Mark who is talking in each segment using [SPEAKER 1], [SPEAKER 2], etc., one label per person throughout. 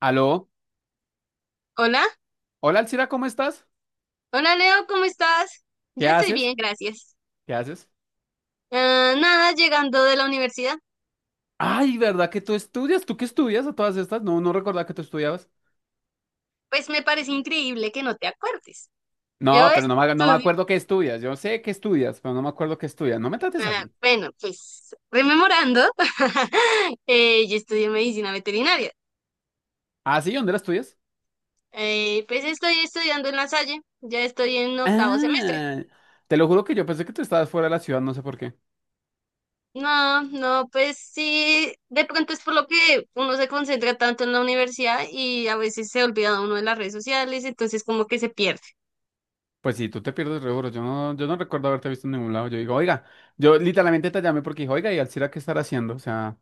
[SPEAKER 1] Aló,
[SPEAKER 2] Hola,
[SPEAKER 1] hola Alcira, ¿cómo estás?
[SPEAKER 2] hola Leo, ¿cómo estás?
[SPEAKER 1] ¿Qué
[SPEAKER 2] Yo estoy
[SPEAKER 1] haces?
[SPEAKER 2] bien, gracias.
[SPEAKER 1] ¿Qué haces?
[SPEAKER 2] Nada, llegando de la universidad.
[SPEAKER 1] Ay, ¿verdad que tú estudias? ¿Tú qué estudias a todas estas? No, no recordaba que tú estudiabas.
[SPEAKER 2] Pues me parece increíble que no te acuerdes. Yo
[SPEAKER 1] No, pero no me
[SPEAKER 2] estudio,
[SPEAKER 1] acuerdo qué estudias. Yo sé que estudias, pero no me acuerdo qué estudias. No me trates así.
[SPEAKER 2] bueno, pues rememorando, yo estudio medicina veterinaria.
[SPEAKER 1] ¿Ah, sí? ¿Dónde la estudias?
[SPEAKER 2] Pues estoy estudiando en La Salle, ya estoy en octavo semestre.
[SPEAKER 1] Ah, te lo juro que yo pensé que tú estabas fuera de la ciudad, no sé por qué.
[SPEAKER 2] No, no, pues sí, de pronto es por lo que uno se concentra tanto en la universidad y a veces se olvida uno de las redes sociales, entonces como que se pierde.
[SPEAKER 1] Pues sí, tú te pierdes re duro. Yo no recuerdo haberte visto en ningún lado. Yo digo, oiga, yo literalmente te llamé porque dije, oiga, ¿y Alcira qué estará haciendo? O sea,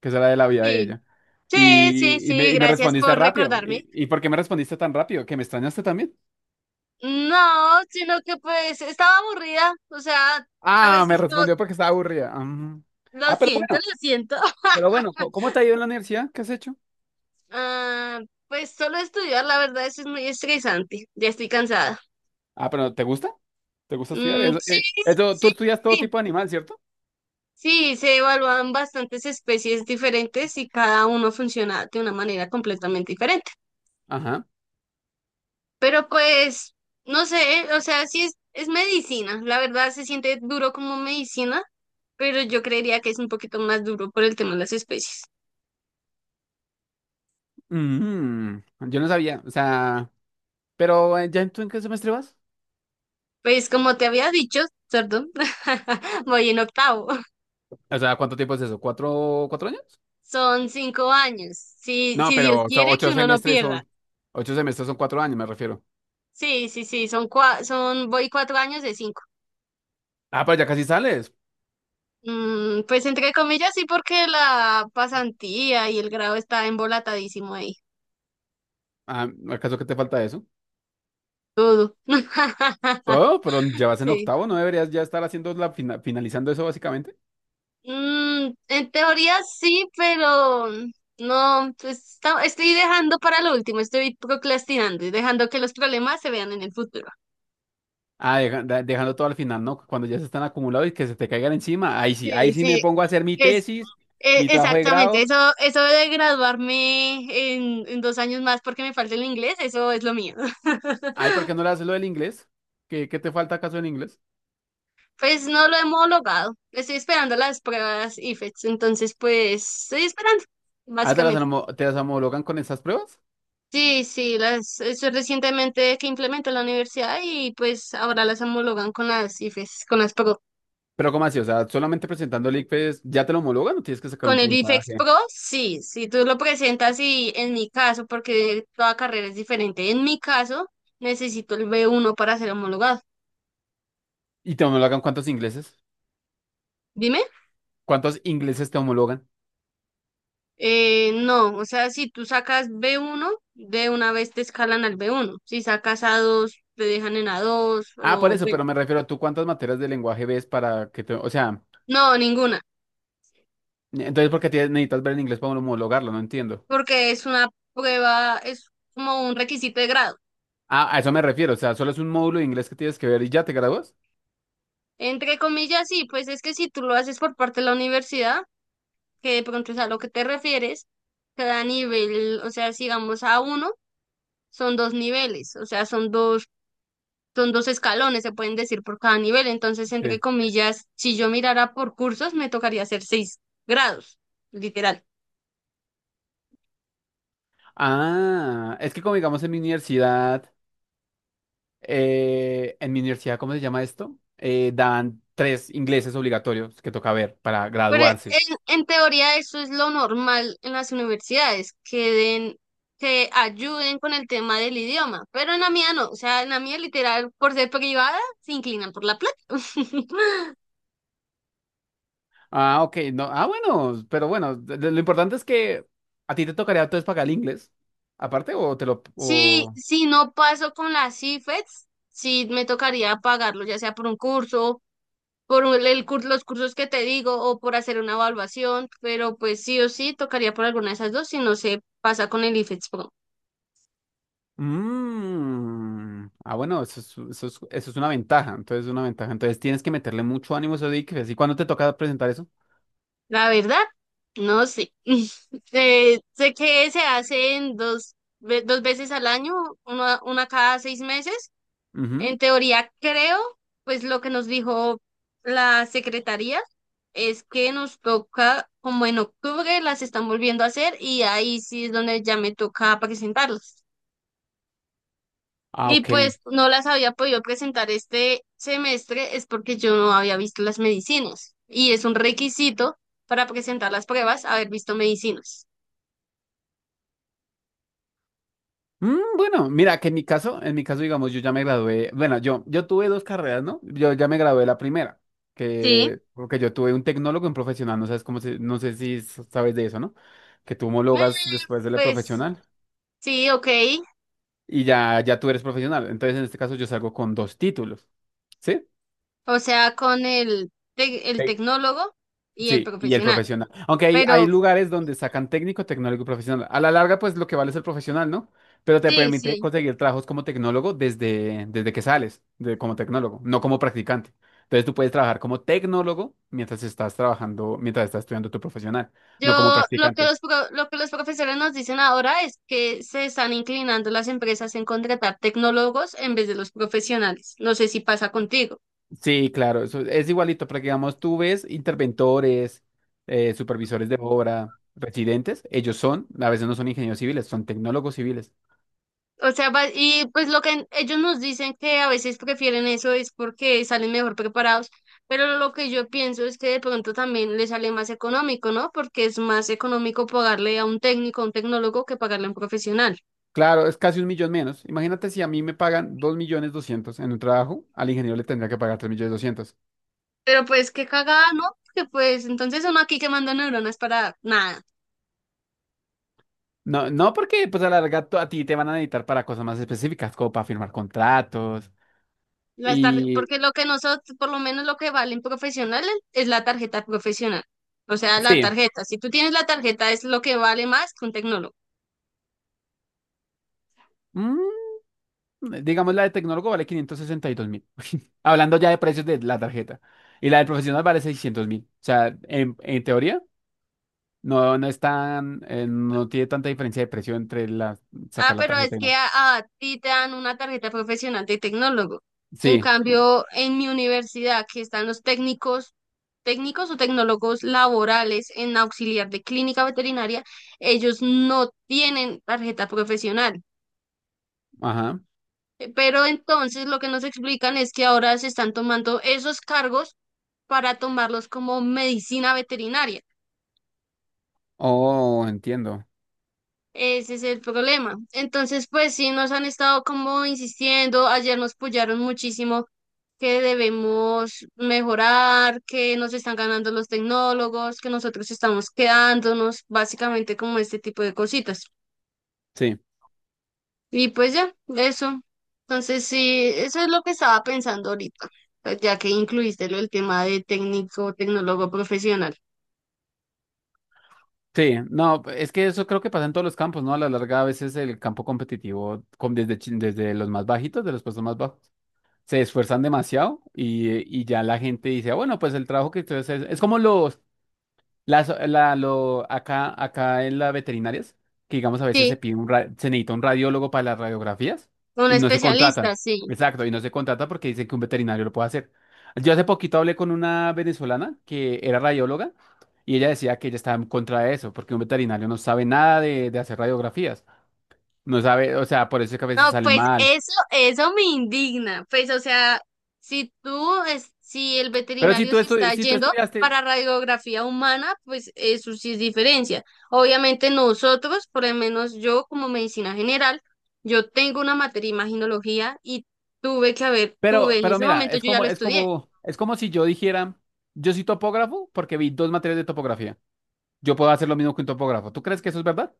[SPEAKER 1] que será de la vida de
[SPEAKER 2] Sí.
[SPEAKER 1] ella.
[SPEAKER 2] Sí, sí,
[SPEAKER 1] Y, y me,
[SPEAKER 2] sí,
[SPEAKER 1] y me
[SPEAKER 2] gracias
[SPEAKER 1] respondiste
[SPEAKER 2] por
[SPEAKER 1] rápido.
[SPEAKER 2] recordarme.
[SPEAKER 1] ¿Y por qué me respondiste tan rápido? ¿Que me extrañaste también?
[SPEAKER 2] No, sino que pues estaba aburrida, o sea, a
[SPEAKER 1] Ah, me
[SPEAKER 2] veces no,
[SPEAKER 1] respondió porque estaba aburrida. Mm.
[SPEAKER 2] lo
[SPEAKER 1] Ah, pero
[SPEAKER 2] siento,
[SPEAKER 1] bueno,
[SPEAKER 2] lo siento.
[SPEAKER 1] pero bueno, co- ¿cómo te ha ido en la universidad? ¿Qué has hecho?
[SPEAKER 2] Ah, pues solo estudiar, la verdad, eso es muy estresante, ya estoy cansada.
[SPEAKER 1] Ah, pero ¿te gusta? ¿Te gusta estudiar?
[SPEAKER 2] Mm, sí, sí,
[SPEAKER 1] Tú estudias
[SPEAKER 2] sí,
[SPEAKER 1] todo tipo de animal, ¿cierto?
[SPEAKER 2] sí, se evalúan bastantes especies diferentes y cada uno funciona de una manera completamente diferente.
[SPEAKER 1] Ajá.
[SPEAKER 2] Pero pues, no sé, o sea, sí es medicina. La verdad se siente duro como medicina, pero yo creería que es un poquito más duro por el tema de las especies.
[SPEAKER 1] Mm, yo no sabía, o sea, pero ¿ tú en qué semestre vas?
[SPEAKER 2] Pues como te había dicho, perdón, voy en octavo.
[SPEAKER 1] O sea, ¿cuánto tiempo es eso? ¿Cuatro años?
[SPEAKER 2] Son 5 años. Si,
[SPEAKER 1] No,
[SPEAKER 2] si Dios
[SPEAKER 1] pero o sea,
[SPEAKER 2] quiere que
[SPEAKER 1] ocho
[SPEAKER 2] uno no
[SPEAKER 1] semestres
[SPEAKER 2] pierda.
[SPEAKER 1] son, ocho semestres son cuatro años, me refiero.
[SPEAKER 2] Sí, sí, sí, son, voy 4 años de 5.
[SPEAKER 1] Ah, pero ya casi sales.
[SPEAKER 2] Mm, pues entre comillas, sí, porque la pasantía y el grado está embolatadísimo ahí.
[SPEAKER 1] Ah, ¿acaso que te falta eso?
[SPEAKER 2] Todo.
[SPEAKER 1] Todo, pero ya vas en
[SPEAKER 2] Sí.
[SPEAKER 1] octavo, ¿no deberías ya estar haciendo finalizando eso básicamente?
[SPEAKER 2] Mm, en teoría sí, pero no, pues estoy dejando para lo último, estoy procrastinando y dejando que los problemas se vean en el futuro.
[SPEAKER 1] Ah, dejando todo al final, ¿no? Cuando ya se están acumulados y que se te caigan encima. Ahí sí, ahí
[SPEAKER 2] Sí,
[SPEAKER 1] sí me
[SPEAKER 2] sí,
[SPEAKER 1] pongo a hacer mi
[SPEAKER 2] es,
[SPEAKER 1] tesis, mi trabajo de
[SPEAKER 2] exactamente,
[SPEAKER 1] grado.
[SPEAKER 2] eso de graduarme en 2 años más porque me falta el inglés, eso es lo mío.
[SPEAKER 1] Ay, ¿por qué no le haces lo del inglés? ¿Qué te falta acaso en inglés?
[SPEAKER 2] Pues no lo hemos homologado, estoy esperando las pruebas IFETS, entonces pues estoy esperando,
[SPEAKER 1] Ah, ¿te las,
[SPEAKER 2] básicamente.
[SPEAKER 1] homo- te las homologan con esas pruebas?
[SPEAKER 2] Sí, sí, eso es recientemente que implementó la universidad y pues ahora las homologan con las IFES, con las Pro.
[SPEAKER 1] Pero ¿cómo así? O sea, solamente presentando el ICFES, ¿ya te lo homologan o tienes que sacar un
[SPEAKER 2] Con el IFEX
[SPEAKER 1] puntaje?
[SPEAKER 2] Pro, sí, si tú lo presentas y en mi caso, porque toda carrera es diferente, en mi caso necesito el B1 para ser homologado.
[SPEAKER 1] ¿Y te homologan cuántos ingleses?
[SPEAKER 2] Dime,
[SPEAKER 1] ¿Cuántos ingleses te homologan?
[SPEAKER 2] no, o sea, si tú sacas B1 de una vez te escalan al B1. Si sacas A2 te dejan en A2
[SPEAKER 1] Ah, por
[SPEAKER 2] o
[SPEAKER 1] eso,
[SPEAKER 2] bueno.
[SPEAKER 1] pero me refiero a tú cuántas materias de lenguaje ves para que te... O sea,
[SPEAKER 2] No, ninguna,
[SPEAKER 1] entonces ¿por qué necesitas ver el inglés para homologarlo? No entiendo.
[SPEAKER 2] porque es una prueba, es como un requisito de grado.
[SPEAKER 1] Ah, a eso me refiero, o sea, solo es un módulo de inglés que tienes que ver y ya te gradúas.
[SPEAKER 2] Entre comillas, sí, pues es que si tú lo haces por parte de la universidad, que de pronto es a lo que te refieres, cada nivel, o sea, sigamos a uno, son dos niveles, o sea, son dos escalones, se pueden decir por cada nivel. Entonces, entre
[SPEAKER 1] Sí.
[SPEAKER 2] comillas, si yo mirara por cursos, me tocaría hacer seis grados, literal.
[SPEAKER 1] Ah, es que como digamos en mi universidad, ¿cómo se llama esto? Dan tres ingleses obligatorios que toca ver para
[SPEAKER 2] Pero
[SPEAKER 1] graduarse.
[SPEAKER 2] en teoría eso es lo normal en las universidades, que den, que ayuden con el tema del idioma, pero en la mía no, o sea, en la mía literal, por ser privada, se inclinan por la plata.
[SPEAKER 1] Ah, ok, no, ah, bueno, pero bueno, lo importante es que a ti te tocaría entonces pagar el inglés, aparte, o te lo...
[SPEAKER 2] Si,
[SPEAKER 1] O...
[SPEAKER 2] si no paso con las IFETs, sí me tocaría pagarlo, ya sea por un curso, por un- el, cur- los cursos que te digo, o por hacer una evaluación, pero pues sí o sí tocaría por alguna de esas dos si no se pasa con el IFETs.
[SPEAKER 1] Mm. Ah, bueno, eso es una ventaja. Entonces, es una ventaja. Entonces, tienes que meterle mucho ánimo a esos diques. ¿Y cuándo te toca presentar eso?
[SPEAKER 2] La verdad, no sé. Sé que se hacen dos, dos veces al año, una cada 6 meses.
[SPEAKER 1] Ujú.
[SPEAKER 2] En teoría, creo, pues lo que nos dijo la secretaría es que nos toca, como en octubre, las están volviendo a hacer y ahí sí es donde ya me toca presentarlas.
[SPEAKER 1] Ah,
[SPEAKER 2] Y
[SPEAKER 1] ok.
[SPEAKER 2] pues no las había podido presentar este semestre es porque yo no había visto las medicinas. Y es un requisito para presentar las pruebas haber visto medicinas.
[SPEAKER 1] Bueno, mira, que en mi caso, digamos, yo ya me gradué. Bueno, yo tuve dos carreras, ¿no? Yo ya me gradué de la primera,
[SPEAKER 2] Sí,
[SPEAKER 1] porque yo tuve un tecnólogo en profesional. No sabes no sé si sabes de eso, ¿no? Que tú
[SPEAKER 2] Eh,
[SPEAKER 1] homologas después de la
[SPEAKER 2] pues
[SPEAKER 1] profesional
[SPEAKER 2] sí, ok.
[SPEAKER 1] y ya tú eres profesional. Entonces, en este caso, yo salgo con dos títulos. ¿Sí?
[SPEAKER 2] O sea, con el tecnólogo y el
[SPEAKER 1] Sí, y el
[SPEAKER 2] profesional.
[SPEAKER 1] profesional. Aunque hay
[SPEAKER 2] Pero
[SPEAKER 1] lugares donde sacan técnico, tecnólogo y profesional. A la larga, pues lo que vale es el profesional, ¿no? Pero te
[SPEAKER 2] sí,
[SPEAKER 1] permite
[SPEAKER 2] sí.
[SPEAKER 1] conseguir trabajos como tecnólogo desde que sales, como tecnólogo, no como practicante. Entonces tú puedes trabajar como tecnólogo mientras estás trabajando, mientras estás estudiando tu profesional, no como
[SPEAKER 2] Yo lo que
[SPEAKER 1] practicante.
[SPEAKER 2] los profesores nos dicen ahora es que se están inclinando las empresas en contratar tecnólogos en vez de los profesionales. No sé si pasa contigo.
[SPEAKER 1] Sí, claro, eso es igualito, porque digamos, tú ves interventores, supervisores de obra, residentes, a veces no son ingenieros civiles, son tecnólogos civiles.
[SPEAKER 2] O sea, y pues lo que ellos nos dicen que a veces prefieren eso es porque salen mejor preparados, pero lo que yo pienso es que de pronto también les sale más económico, ¿no? Porque es más económico pagarle a un técnico, a un tecnólogo, que pagarle a un profesional.
[SPEAKER 1] Claro, es casi un millón menos. Imagínate si a mí me pagan 2.200.000 en un trabajo, al ingeniero le tendría que pagar 3.200.000.
[SPEAKER 2] Pero pues qué cagada, ¿no? Porque pues entonces uno aquí quemando neuronas para nada.
[SPEAKER 1] No, no porque pues a la larga a ti te van a necesitar para cosas más específicas, como para firmar contratos.
[SPEAKER 2] Las tar-
[SPEAKER 1] Y
[SPEAKER 2] porque lo que nosotros, por lo menos lo que valen profesionales, es la tarjeta profesional. O sea, la
[SPEAKER 1] sí,
[SPEAKER 2] tarjeta. Si tú tienes la tarjeta es lo que vale más que un tecnólogo.
[SPEAKER 1] mm, digamos la de tecnólogo vale 562.000. Hablando ya de precios de la tarjeta. Y la del profesional vale 600.000. O sea, en teoría no es tan, no tiene tanta diferencia de precio entre
[SPEAKER 2] Ah,
[SPEAKER 1] sacar la
[SPEAKER 2] pero es
[SPEAKER 1] tarjeta y
[SPEAKER 2] que
[SPEAKER 1] no.
[SPEAKER 2] a ti te dan una tarjeta profesional de tecnólogo. En
[SPEAKER 1] Sí,
[SPEAKER 2] cambio, en mi universidad, que están los técnicos, técnicos o tecnólogos laborales en auxiliar de clínica veterinaria, ellos no tienen tarjeta profesional.
[SPEAKER 1] ajá.
[SPEAKER 2] Pero entonces lo que nos explican es que ahora se están tomando esos cargos para tomarlos como medicina veterinaria.
[SPEAKER 1] Oh, entiendo.
[SPEAKER 2] Ese es el problema. Entonces, pues sí, nos han estado como insistiendo, ayer nos apoyaron muchísimo que debemos mejorar, que nos están ganando los tecnólogos, que nosotros estamos quedándonos, básicamente como este tipo de cositas.
[SPEAKER 1] Sí,
[SPEAKER 2] Y pues ya, eso. Entonces, sí, eso es lo que estaba pensando ahorita, pues, ya que incluiste lo del tema de técnico, tecnólogo profesional.
[SPEAKER 1] sí, no, es que eso creo que pasa en todos los campos, ¿no? A la larga, a veces el campo competitivo, desde, desde los más bajitos, de los puestos más bajos, se esfuerzan demasiado y ya la gente dice: "Ah, bueno, pues el trabajo que ustedes hacen es como los, Las, la, lo, acá en las veterinarias, que digamos a veces
[SPEAKER 2] Sí,
[SPEAKER 1] se necesita un radiólogo para las radiografías
[SPEAKER 2] un
[SPEAKER 1] y no se contratan".
[SPEAKER 2] especialista, sí.
[SPEAKER 1] Exacto, y no se contrata porque dicen que un veterinario lo puede hacer. Yo hace poquito hablé con una venezolana que era radióloga y ella decía que ella estaba en contra de eso, porque un veterinario no sabe nada de hacer radiografías. No sabe, o sea, por eso es que a veces
[SPEAKER 2] No,
[SPEAKER 1] salen
[SPEAKER 2] pues
[SPEAKER 1] mal.
[SPEAKER 2] eso me indigna. Pues, o sea, si el
[SPEAKER 1] Pero si
[SPEAKER 2] veterinario
[SPEAKER 1] tú,
[SPEAKER 2] se
[SPEAKER 1] estu-
[SPEAKER 2] está
[SPEAKER 1] si tú
[SPEAKER 2] yendo
[SPEAKER 1] estudiaste,
[SPEAKER 2] para radiografía humana, pues eso sí es diferencia. Obviamente nosotros, por lo menos yo como medicina general, yo tengo una materia imaginología y
[SPEAKER 1] pero,
[SPEAKER 2] tuve, en
[SPEAKER 1] pero
[SPEAKER 2] ese
[SPEAKER 1] mira,
[SPEAKER 2] momento
[SPEAKER 1] es
[SPEAKER 2] yo ya
[SPEAKER 1] como,
[SPEAKER 2] lo
[SPEAKER 1] es
[SPEAKER 2] estudié.
[SPEAKER 1] como, es como si yo dijera, yo soy topógrafo porque vi dos materias de topografía. Yo puedo hacer lo mismo que un topógrafo. ¿Tú crees que eso es verdad?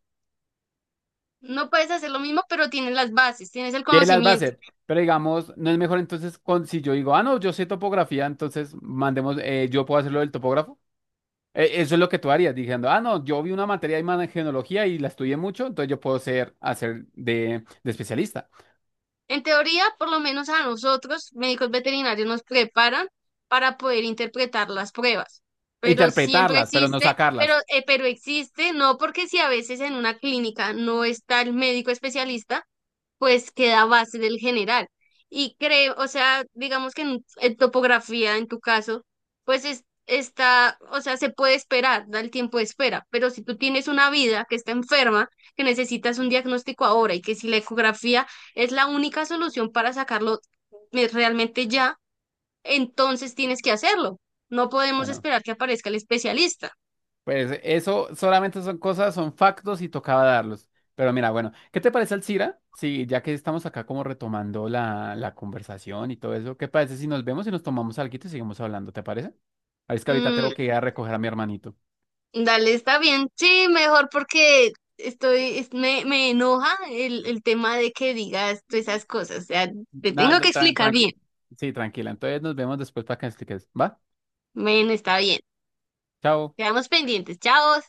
[SPEAKER 2] No puedes hacer lo mismo, pero tienes las bases, tienes el
[SPEAKER 1] Y él las va a
[SPEAKER 2] conocimiento.
[SPEAKER 1] hacer. Pero digamos, no es mejor entonces si yo digo, ah, no, yo sé topografía, entonces mandemos, yo puedo hacerlo del topógrafo. Eso es lo que tú harías, diciendo, ah, no, yo vi una materia de imagenología y la estudié mucho, entonces yo puedo ser, hacer de especialista.
[SPEAKER 2] En teoría, por lo menos a nosotros, médicos veterinarios, nos preparan para poder interpretar las pruebas. Pero siempre
[SPEAKER 1] Interpretarlas, pero no
[SPEAKER 2] existe, pero,
[SPEAKER 1] sacarlas.
[SPEAKER 2] eh, pero existe, no porque si a veces en una clínica no está el médico especialista, pues queda base del general. Y creo, o sea, digamos que en topografía, en tu caso, pues está, o sea, se puede esperar, da el tiempo de espera, pero si tú tienes una vida que está enferma, que necesitas un diagnóstico ahora y que si la ecografía es la única solución para sacarlo, realmente ya, entonces tienes que hacerlo. No podemos
[SPEAKER 1] Bueno.
[SPEAKER 2] esperar que aparezca el especialista.
[SPEAKER 1] Pues eso solamente son cosas, son factos y tocaba darlos. Pero mira, bueno, ¿qué te parece, Alcira? Sí, ya que estamos acá como retomando la conversación y todo eso, ¿qué parece si nos vemos y nos tomamos algo y seguimos hablando? ¿Te parece? Ah, es que ahorita
[SPEAKER 2] Mm,
[SPEAKER 1] tengo que ir a recoger a mi hermanito.
[SPEAKER 2] dale, está bien. Sí, mejor porque estoy, me enoja el tema de que digas todas esas cosas. O sea, te tengo
[SPEAKER 1] Nada,
[SPEAKER 2] que explicar bien.
[SPEAKER 1] sí, tranquila. Entonces nos vemos después para que me expliques. ¿Va?
[SPEAKER 2] Bueno, está bien.
[SPEAKER 1] Chao.
[SPEAKER 2] Quedamos pendientes. Chao.